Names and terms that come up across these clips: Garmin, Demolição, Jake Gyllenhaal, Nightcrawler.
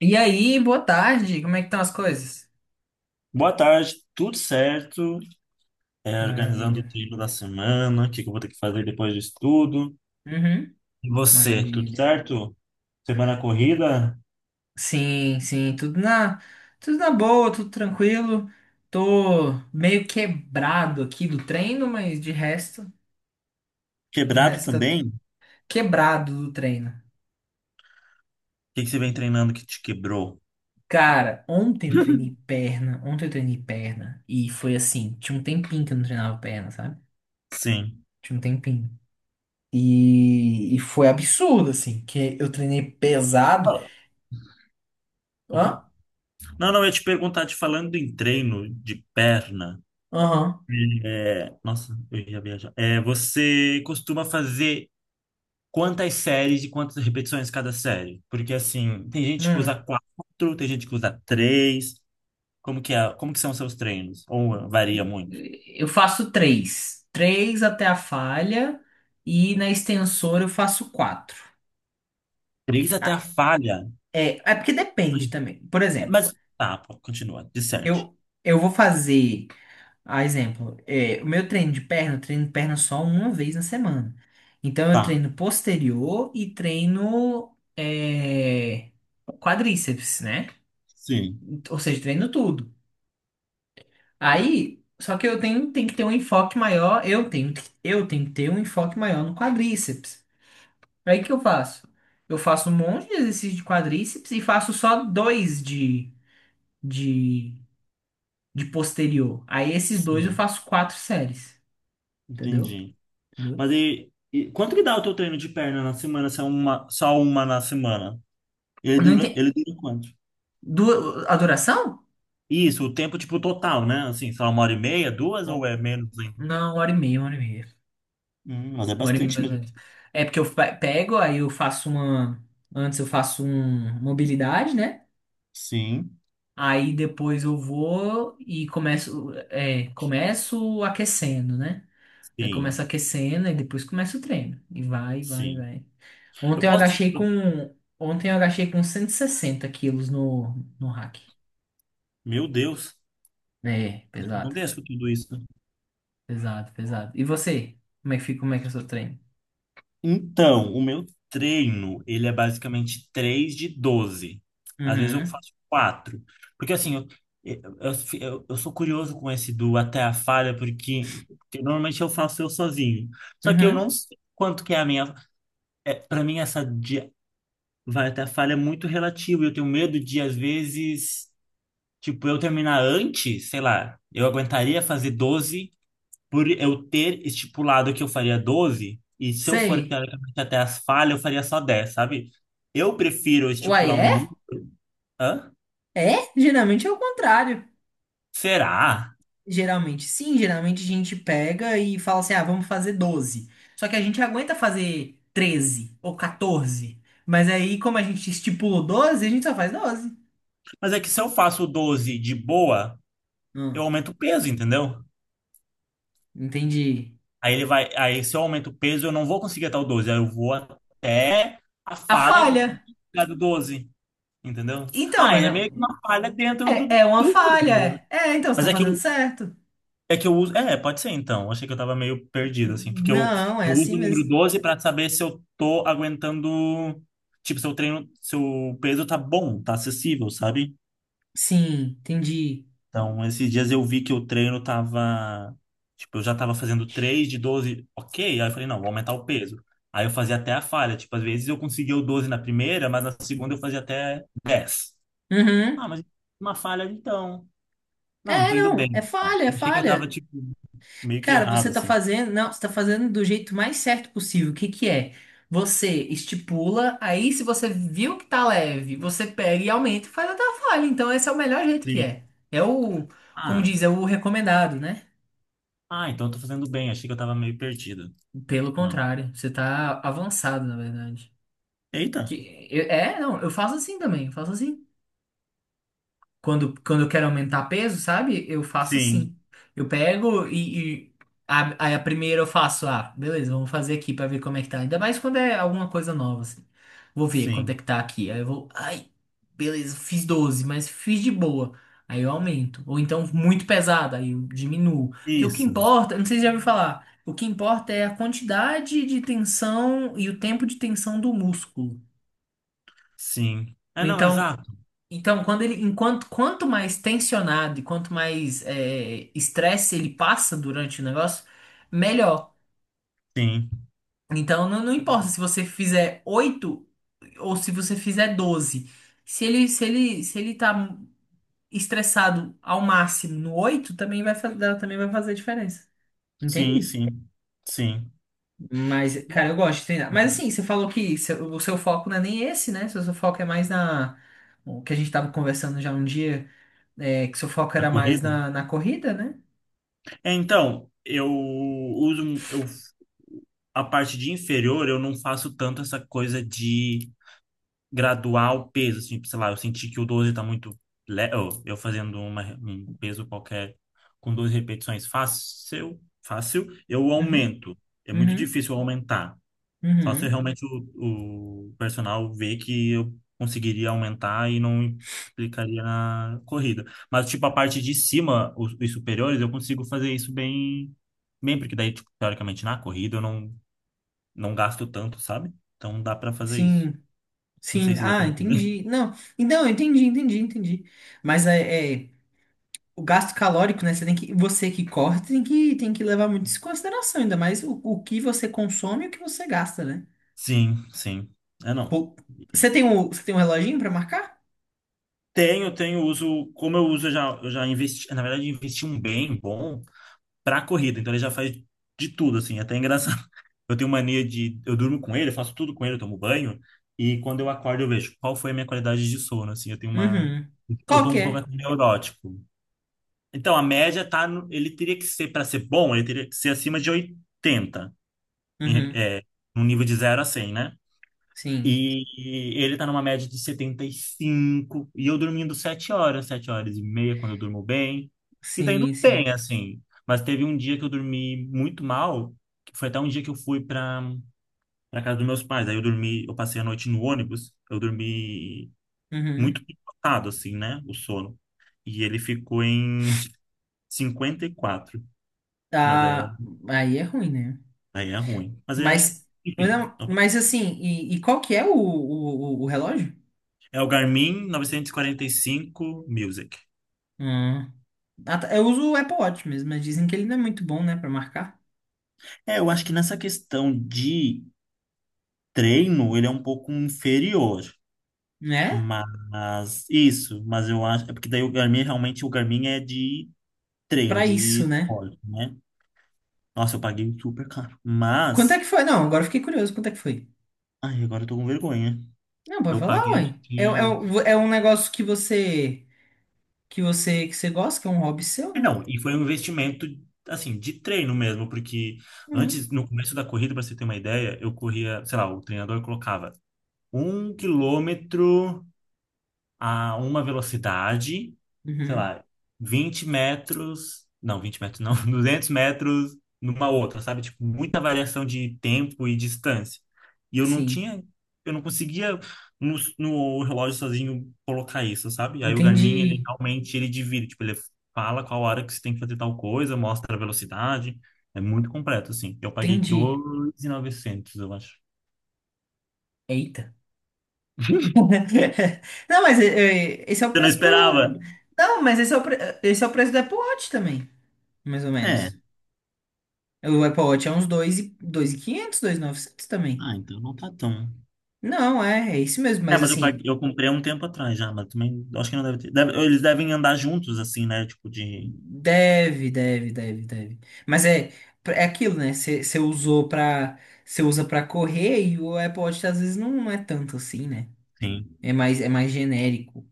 E aí, boa tarde, como é que estão as coisas? Boa tarde, tudo certo? Organizando o Maravilha, tempo da semana, o que que eu vou ter que fazer depois disso tudo. uhum, E você, tudo maravilha. certo? Semana corrida? Sim, sim, tudo na boa, tudo tranquilo. Tô meio quebrado aqui do treino, mas de resto, de Quebrado resto, tá também? O quebrado do treino. que que você vem treinando que te quebrou? Cara, ontem eu treinei perna e foi assim, tinha um tempinho que eu não treinava perna, sabe? Sim. Tinha um tempinho. E foi absurdo, assim, que eu treinei pesado. Fala. Opa. Hã? Não, não, eu ia te perguntar, te falando em treino de perna. Aham. Nossa, eu ia viajar. Você costuma fazer quantas séries e quantas repetições cada série? Porque assim, tem gente que usa Hum. quatro, tem gente que usa três. Como que é? Como que são os seus treinos? Ou varia muito? Eu faço três. Três até a falha e na extensor eu faço quatro. Três até Ah, a falha. É, porque depende Ai, também. Por exemplo, mas tá, pô, continua. De sete. eu, eu vou fazer, a exemplo, o meu treino de perna, eu treino perna só uma vez na semana. Então eu Tá. treino posterior e treino quadríceps, né? Sim. Ou seja, treino tudo. Aí, só que tenho que ter um enfoque maior, eu tenho que ter um enfoque maior no quadríceps. Aí o que eu faço? Eu faço um monte de exercício de quadríceps e faço só dois de, de posterior. Aí esses dois eu Sim. faço quatro séries. Entendeu? Entendi. Entendeu? Mas e quanto que dá o teu treino de perna na semana? Se é uma, só uma na semana? Ele Eu não dura, entendi. ele dura quanto? Du... A duração? Isso, o tempo tipo total, né? Assim, só uma hora e meia, duas ou Bom, é menos ainda? não, uma hora e meia, uma hora e meia. Mas é Uma hora e meia bastante mais ou mesmo. menos. É porque pego, aí eu faço uma. Antes eu faço um mobilidade, né? Sim. Aí depois eu vou e começo, começo aquecendo, né? Aí começa Sim. aquecendo e depois começa o treino. E vai, vai, Sim. vai. Eu Ontem eu posso te... agachei com. Ontem eu agachei com 160 quilos no hack. Meu Deus. É, Acho que eu não pesado. desço tudo isso. Pesado, pesado. E você? Como é que fica? Como é que é o seu treino? Então, o meu treino, ele é basicamente 3 de 12. Às vezes eu Uhum. faço quatro. Porque assim, eu, eu, eu sou curioso com esse do até a falha, porque normalmente eu faço eu sozinho. Só que eu não Uhum. sei quanto que é a minha... Para mim, essa de vai até a falha é muito relativo. Eu tenho medo de, às vezes, tipo, eu terminar antes, sei lá, eu aguentaria fazer 12 por eu ter estipulado que eu faria 12 e se eu for Sei. teoricamente até as falhas, eu faria só 10, sabe? Eu prefiro Uai, estipular um é? número. Hã? É? Geralmente é o contrário. Será? Geralmente sim, geralmente a gente pega e fala assim: ah, vamos fazer 12. Só que a gente aguenta fazer 13 ou 14. Mas aí, como a gente estipulou 12, a gente só faz 12. Mas é que se eu faço 12 de boa, eu aumento o peso, entendeu? Entendi. Aí ele vai. Aí se eu aumento o peso, eu não vou conseguir até o 12. Aí eu vou até a A falha falha. do 12, entendeu? Então, Ah, mas ele é meio que não, uma falha dentro do, é, é uma do falha. número, né? Então você Mas tá é que fazendo eu, certo. É que eu uso. Pode ser então. Achei que eu tava meio perdido, assim. Porque eu, Não, é eu uso assim o número mesmo. 12 pra saber se eu tô aguentando. Tipo, se eu treino, se o peso tá bom, tá acessível, sabe? Sim, entendi. Então, esses dias eu vi que o treino tava. Tipo, eu já tava fazendo 3 de 12, ok. Aí eu falei, não, vou aumentar o peso. Aí eu fazia até a falha. Tipo, às vezes eu conseguia o 12 na primeira, mas na segunda eu fazia até 10. Ah, Uhum. mas uma falha então. Não, não É, tô indo não, é bem. Não. falha, é Achei que eu tava, falha. tipo, meio que Cara, errado, você tá assim. fazendo, não, você tá fazendo do jeito mais certo possível. O que que é? Você estipula, aí se você viu que tá leve, você pega e aumenta e faz até a falha. Então esse é o melhor jeito que Sim. é. É o, como Ah. diz, é o recomendado, né? Ah, então eu tô fazendo bem. Achei que eu tava meio perdido. Pelo Não. contrário, você tá avançado, na verdade. Eita. Que, não, eu faço assim também, eu faço assim. Quando eu quero aumentar peso, sabe? Eu faço Sim, assim. Eu pego e aí a primeira eu faço, ah, beleza, vamos fazer aqui pra ver como é que tá. Ainda mais quando é alguma coisa nova, assim. Vou ver quanto sim. é que tá aqui. Aí eu vou, ai, beleza, fiz 12, mas fiz de boa. Aí eu aumento. Ou então muito pesado, aí eu diminuo. Porque o que Isso. importa, não sei se já ouviu falar, o que importa é a quantidade de tensão e o tempo de tensão do músculo. Sim. É, não, Então, exato. Então, quanto mais tensionado e quanto mais estresse ele passa durante o negócio, melhor. Sim. Então, não importa se você fizer 8 ou se você fizer 12. Se ele tá estressado ao máximo no 8 também também vai fazer diferença. Sim, Entende? sim. Sim. Mas, cara, eu gosto de treinar. Mas assim, você falou que o seu foco não é nem esse, né? Seu foco é mais na. O que a gente tava conversando já um dia, é, que seu foco A era mais corrida? Na corrida, né? Então, eu, a parte de inferior, eu não faço tanto essa coisa de graduar o peso, assim, tipo, sei lá, eu senti que o 12 tá muito leve, eu fazendo uma, um peso qualquer com 12 repetições fácil, fácil, eu Uhum, aumento. É muito uhum, difícil eu aumentar. Só se uhum. realmente o personal ver que eu conseguiria aumentar e não implicaria na corrida. Mas, tipo, a parte de cima, os superiores, eu consigo fazer isso bem, bem, porque daí, tipo, teoricamente, na corrida eu não, não gasto tanto, sabe? Então dá pra fazer isso. Sim, Não sim. sei se deu pra Ah, entender. entendi. Não, então, eu entendi, entendi, entendi. Mas o gasto calórico, né? Você que corre tem que levar muito isso em consideração, ainda mais o que você consome e o que você gasta, né? Sim, sim. É, não. Pô, você tem um reloginho pra marcar? Tenho, tenho uso, como eu uso, eu já investi, na verdade, investi um bem bom pra corrida, então ele já faz de tudo, assim, até é engraçado. Eu tenho mania de, eu durmo com ele, eu faço tudo com ele, eu tomo banho, e quando eu acordo eu vejo qual foi a minha qualidade de sono, assim, Uhum. eu Qual tô que um pouco é? assim, neurótico. Então, a média tá, ele teria que ser, pra ser bom, ele teria que ser acima de 80 em- Uhum. é, num nível de 0 a 100, né? Sim, E ele tá numa média de setenta e cinco e eu dormindo 7 horas, 7 horas e meia, quando eu durmo bem. E tá indo sim, bem, sim. assim. Mas teve um dia que eu dormi muito mal, que foi até um dia que eu fui pra, casa dos meus pais. Aí eu dormi, eu passei a noite no ônibus, eu dormi Uhum. muito picotado, assim, né? O sono. E ele ficou em 54. Mas aí, Tá. Aí é ruim, né? aí é ruim. Mas é. Mas, Enfim, mas assim, e qual que é o o relógio? é o Garmin 945 Music. Hum. Ah, tá. Eu uso o Apple Watch mesmo, mas dizem que ele não é muito bom, né, pra marcar, Eu acho que nessa questão de treino, ele é um pouco inferior. né? Mas isso, mas eu acho. É porque daí o Garmin, realmente, o Garmin é de treino, Pra de isso, né? esporte, né? Nossa, eu paguei super caro. Quanto é que Mas. foi? Não, agora eu fiquei curioso. Quanto é que foi? Ai, agora eu tô com vergonha. Não, pode Eu falar, paguei, acho ué. É, é, que. É um negócio que você que você gosta, que é um hobby seu, É, né? não, e foi um investimento, assim, de treino mesmo, porque Uhum. antes, no começo da corrida, pra você ter uma ideia, eu corria, sei lá, o treinador colocava 1 quilômetro a uma velocidade, sei Uhum. lá, 20 metros, não, 20 metros não, 200 metros numa outra, sabe? Tipo, muita variação de tempo e distância. E eu não Sim. tinha, eu não conseguia no relógio sozinho colocar isso, sabe? Aí o Garmin, ele Entendi. realmente, ele divide, tipo, ele fala qual hora que você tem que fazer tal coisa, mostra a velocidade, é muito completo, assim. Eu paguei dois Entendi. mil e novecentos, eu acho. Eita. Não, mas é, é, esse é o Você não preço esperava? do. Não, mas esse é o, pre... esse é o preço do Apple Watch também, mais ou É, menos. O Apple Watch é uns 2 e 2.500, novecentos também. ah, então não tá tão. Não, é, isso mesmo, É, mas mas eu paguei, assim, eu comprei há um tempo atrás já, mas também acho que não deve ter. Eles devem andar juntos, assim, né? Tipo de. deve, deve, deve, deve. Mas é aquilo, né? Você usou pra. Você usa pra correr e o Apple Watch às vezes não é tanto assim, né? Sim. É mais genérico.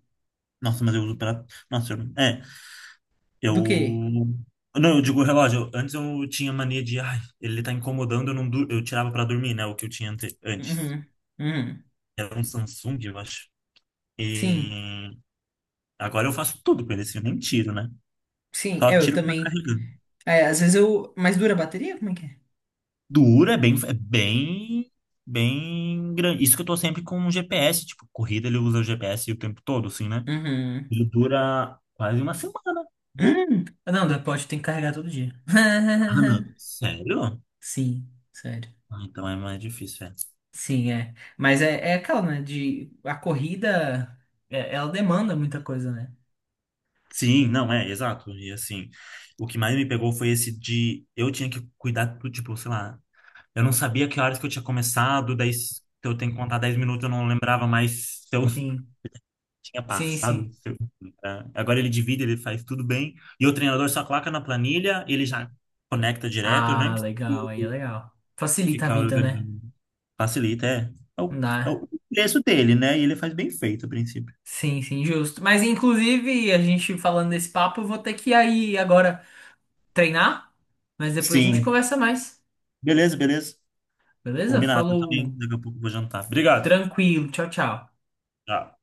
Nossa, mas eu uso pra. Nossa, eu- é. Do que? Eu. Não, eu digo o relógio. Antes eu tinha mania de. Ai, ele tá incomodando, eu, não dur... eu tirava pra dormir, né? O que eu tinha antes. Uhum, uhum. Era um Samsung, eu acho. Sim, E agora eu faço tudo com ele, assim, eu nem tiro, né? sim, Só é, eu tiro pra também. carregar. É, às vezes eu. Mas dura a bateria? Como é que é? Duro é bem. É bem. Bem grande. Isso que eu tô sempre com o GPS, tipo, corrida ele usa o GPS o tempo todo, assim, né? Uhum. Ele dura quase uma semana. Ah, não, do Apple Watch tem que carregar todo dia. Ah, não. Sério? Sim, sério. Ah, então é mais difícil, é. Sim, é. Mas é aquela, né? A corrida, ela demanda muita coisa, né? Sim, não, é, exato. E assim, o que mais me pegou foi esse de eu tinha que cuidar do tipo, sei lá, eu não sabia que horas que eu tinha começado, daí se eu tenho que contar 10 minutos, eu não lembrava mais se eu Sim, tinha sim, passado. sim. Se eu- tá? Agora ele divide, ele faz tudo bem. E o treinador só coloca na planilha, ele já conecta direto, eu nem Ah, legal, aí é legal. Facilita a Ficar vida, né? organizando facilita, é. É Não o, é dá. o preço dele, né? E ele faz bem feito, a princípio. Sim, sim, justo. Mas inclusive, a gente falando desse papo, eu vou ter que ir aí agora treinar, mas depois a gente Sim. conversa mais. Beleza, beleza. Beleza? Combinado, eu também. Falou, Daqui a pouco eu vou jantar. Obrigado. tranquilo, tchau, tchau. Tchau.